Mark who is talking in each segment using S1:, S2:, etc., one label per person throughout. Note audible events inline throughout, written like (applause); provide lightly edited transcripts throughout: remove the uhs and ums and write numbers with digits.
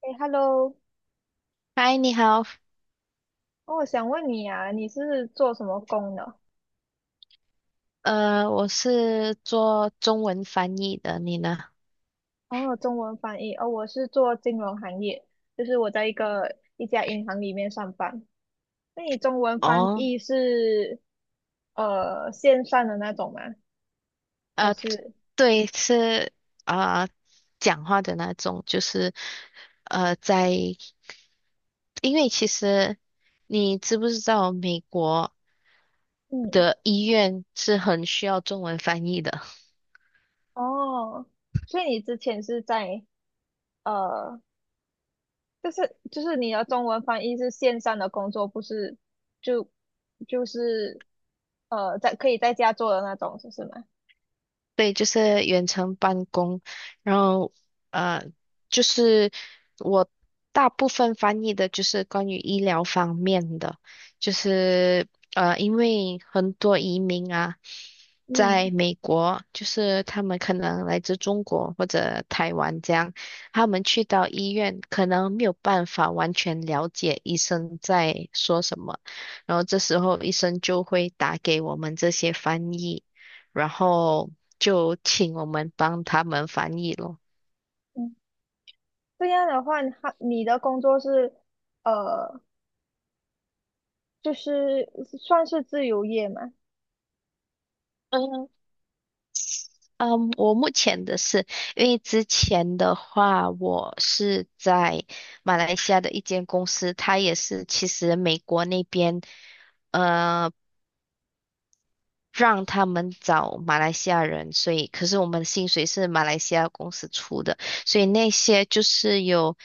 S1: 哎，Hello，
S2: 嗨，你好，
S1: 哦，我想问你啊，你是做什么工的？
S2: 我是做中文翻译的，你呢？
S1: 哦，中文翻译，哦，我是做金融行业，就是我在一家银行里面上班。那你中文翻
S2: 哦，
S1: 译是线上的那种吗？还
S2: 呃，
S1: 是
S2: 对，是啊呃，讲话的那种，就是在，因为其实你知不知道，美国
S1: 嗯，
S2: 的医院是很需要中文翻译的。
S1: 哦，所以你之前是在呃，就是你的中文翻译是线上的工作，不是就就是在可以在家做的那种，是吗？
S2: 对，就是远程办公，然后呃，就是我大部分翻译的就是关于医疗方面的，就是因为很多移民啊，在
S1: 嗯。
S2: 美国，就是他们可能来自中国或者台湾这样，他们去到医院可能没有办法完全了解医生在说什么，然后这时候医生就会打给我们这些翻译。然后就请我们帮他们翻译咯。
S1: 这样的话，你的工作是，呃，就是算是自由业嘛，
S2: 嗯嗯，我目前的是，因为之前的话，我是在马来西亚的一间公司，它也是其实美国那边。呃让他们找马来西亚人，所以可是我们的薪水是马来西亚公司出的，所以那些就是有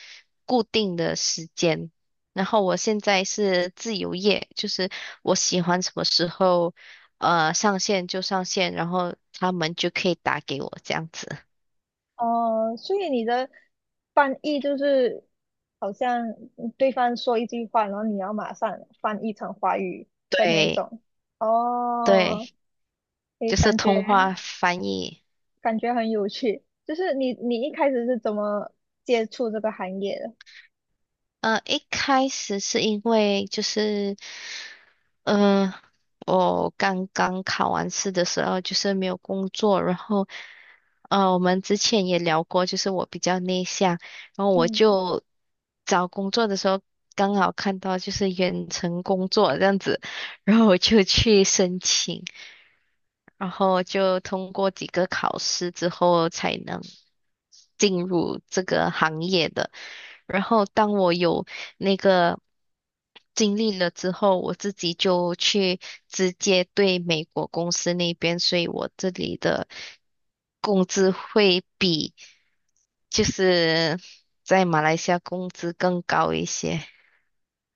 S2: 固定的时间。然后我现在是自由业，就是我喜欢什么时候上线就上线，然后他们就可以打给我这样子。
S1: 哦、所以你的翻译就是好像对方说一句话，然后你要马上翻译成华语的那一
S2: 对
S1: 种，
S2: 对，
S1: 哦，诶，
S2: 就是
S1: 感觉
S2: 通话翻译。
S1: 很有趣，就是你一开始是怎么接触这个行业的？
S2: 一开始是因为就是嗯，我刚刚考完试的时候就是没有工作，然后，我们之前也聊过，就是我比较内向，然后我
S1: 嗯，
S2: 就找工作的时候刚好看到就是远程工作这样子，然后我就去申请，然后就通过几个考试之后才能进入这个行业的。然后当我有那个经历了之后，我自己就去直接对美国公司那边，所以我这里的工资会比就是在马来西亚工资更高一些。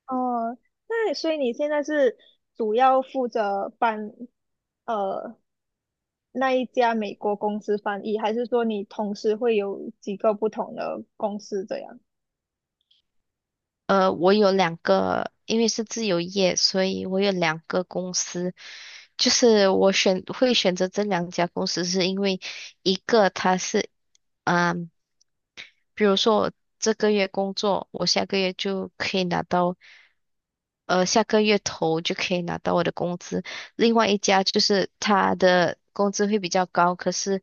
S1: 哦，那所以你现在是主要负责帮呃那一家美国公司翻译，还是说你同时会有几个不同的公司这样？
S2: 我有两个，因为是自由业，所以我有两个公司。就是我会选择这两家公司，是因为一个它是，嗯。比如说我这个月工作，我下个月就可以拿到，下个月头就可以拿到我的工资。另外一家就是他的工资会比较高，可是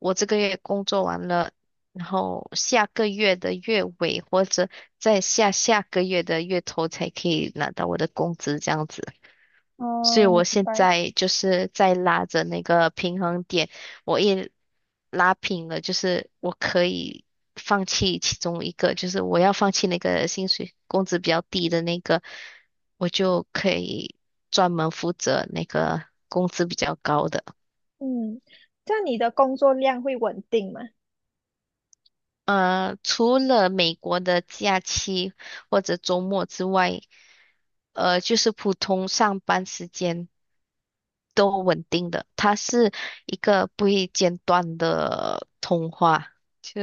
S2: 我这个月工作完了，然后下个月的月尾或者在下下个月的月头才可以拿到我的工资，这样子。所以
S1: 哦，明
S2: 我现
S1: 白。
S2: 在就是在拉着那个平衡点，我一拉平了，就是我可以放弃其中一个，就是我要放弃那个薪水工资比较低的那个，我就可以专门负责那个工资比较高的。
S1: 嗯，这样你的工作量会稳定吗？
S2: 除了美国的假期或者周末之外，就是普通上班时间都稳定的，它是一个不会间断的通话，就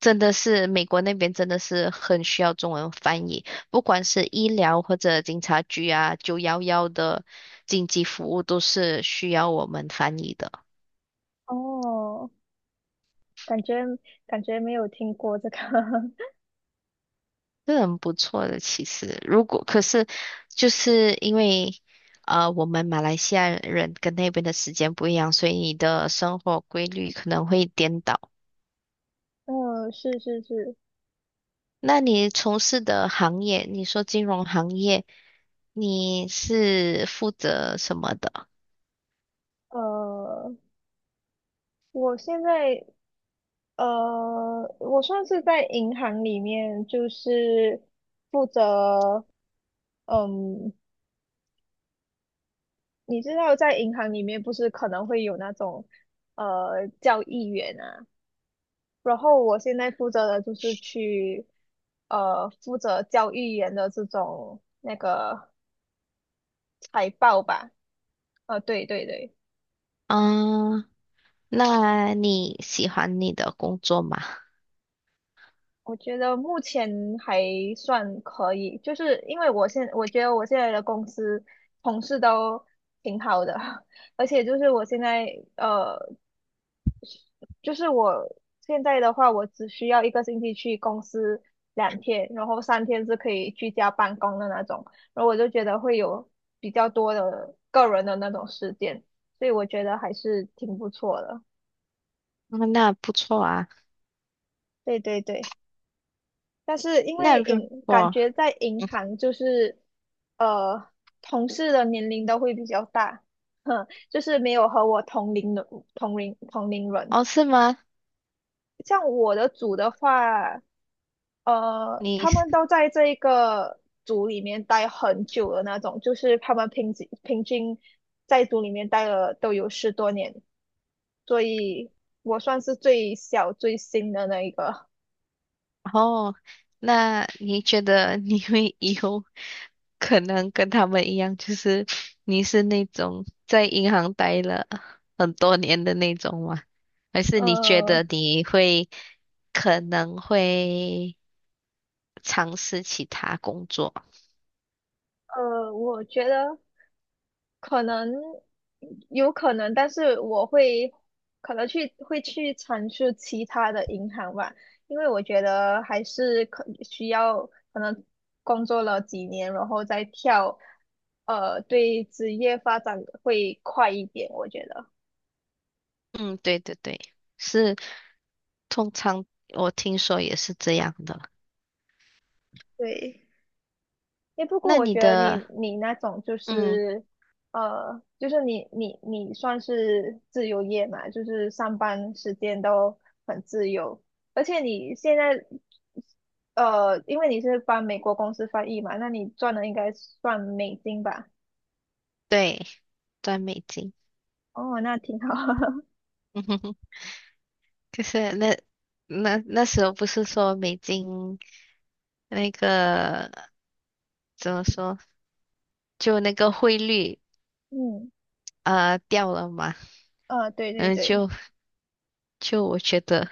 S2: 真的是美国那边真的是很需要中文翻译，不管是医疗或者警察局啊，911的紧急服务都是需要我们翻译的。
S1: 哦，感觉没有听过这个。(laughs)
S2: 是很不错的，其实如果可是就是因为我们马来西亚人跟那边的时间不一样，所以你的生活规律可能会颠倒。
S1: 嗯，是是是，
S2: 那你从事的行业，你说金融行业，你是负责什么的？
S1: 呃，我现在我算是在银行里面，就是负责嗯你知道在银行里面不是可能会有那种交易员啊，然后我现在负责的就是去负责交易员的这种那个财报吧，对对对，
S2: 嗯，那你喜欢你的工作吗？
S1: 我觉得目前还算可以，就是因为我觉得我现在的公司同事都挺好的，(laughs) 而且就是我现在呃就是我现在的话，我只需要一个星期去公司两天，然后三天是可以居家办公的那种，然后我就觉得会有比较多的个人的那种时间，所以我觉得还是挺不错的。
S2: 嗯那不错啊。
S1: 对对对，但是因
S2: 那
S1: 为
S2: 如
S1: 感
S2: 果
S1: 觉在银行就是呃同事的年龄都会比较大，(laughs) 哼，就是没有和我同龄的同龄人。
S2: 哦，是吗？
S1: 像我的组的话。呃，
S2: 你
S1: 他们都在这一个组里面待很久的那种，就是他们平均在组里面待了都有十多年，所以我算是最小最新的那一个。
S2: 哦，那你觉得你会以后？可能跟他们一样，就是你是那种在银行待了很多年的那种吗？还是你觉
S1: 呃
S2: 得你会可能会尝试其他工作？
S1: 我觉得可能有可能，但是我会可能会去尝试其他的银行吧，因为我觉得还是可需要可能工作了几年，然后再跳，呃，对职业发展会快一点，我觉得，
S2: 嗯，对对对，是，通常我听说也是这样的。
S1: 对。诶，不过
S2: 那
S1: 我
S2: 你
S1: 觉得你
S2: 的，
S1: 那种就
S2: 嗯，
S1: 是，就是你你算是自由业嘛，就是上班时间都很自由，而且你现在，呃，因为你是帮美国公司翻译嘛，那你赚的应该算美金吧？
S2: 对，赚美金，
S1: 哦，那挺好。(laughs)
S2: (laughs) 嗯哼哼，可是那那时候不是说美金那个怎么说，就那个汇率。
S1: 嗯，
S2: 啊，掉了嘛，
S1: 对对
S2: 嗯，
S1: 对，
S2: 就我觉得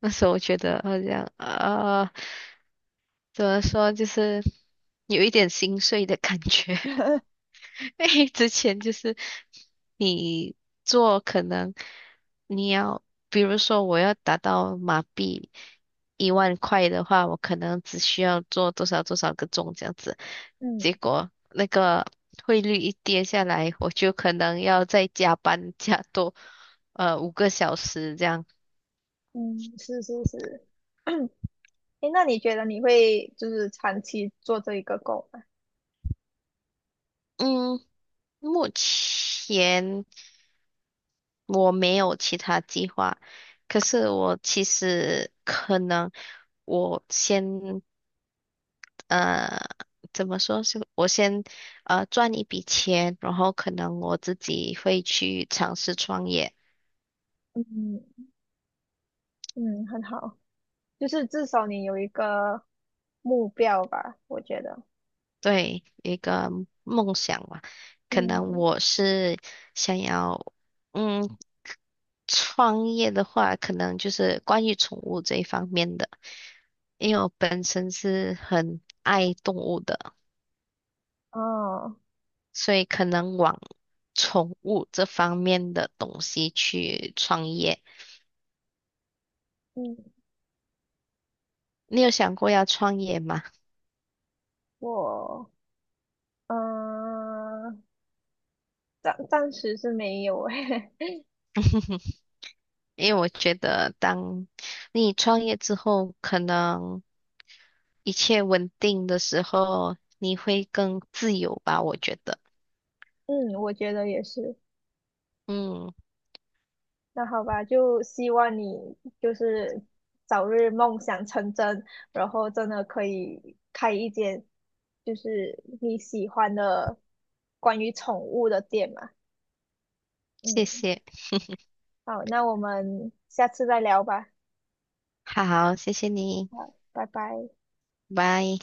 S2: 那时候我觉得好像啊，怎么说，就是有一点心碎的感觉。(laughs) 之前就是你做可能你要，比如说我要达到马币10000块的话，我可能只需要做多少多少个钟这样子，
S1: 嗯
S2: 结果那个汇率一跌下来，我就可能要再加班加多5个小时这样。
S1: 嗯，是是是。(coughs) (clears throat) 诶，那你觉得你会就是长期做这一个工吗？
S2: 嗯，目前我没有其他计划，可是我其实可能我先呃，怎么说是我先赚一笔钱，然后可能我自己会去尝试创业，
S1: 嗯嗯，很好。就是至少你有一个目标吧，我觉得。
S2: 对，一个梦想嘛。可能
S1: 嗯，
S2: 我是想要，嗯，创业的话，可能就是关于宠物这一方面的，因为我本身是很爱动物的，
S1: 啊，
S2: 所以可能往宠物这方面的东西去创业。
S1: 嗯，
S2: 你有想过要创业吗？
S1: 我，嗯、呃暂时是没有诶。
S2: (laughs) 因为我觉得，当你创业之后，可能一切稳定的时候，你会更自由吧，我觉得。
S1: (laughs) 嗯，我觉得也是。
S2: 嗯，
S1: 那好吧，就希望你就是早日梦想成真，然后真的可以开一间就是你喜欢的关于宠物的店嘛。
S2: 谢
S1: 嗯，
S2: 谢，
S1: 好，那我们下次再聊吧。
S2: 好，谢谢你，
S1: 好，拜拜。
S2: 拜。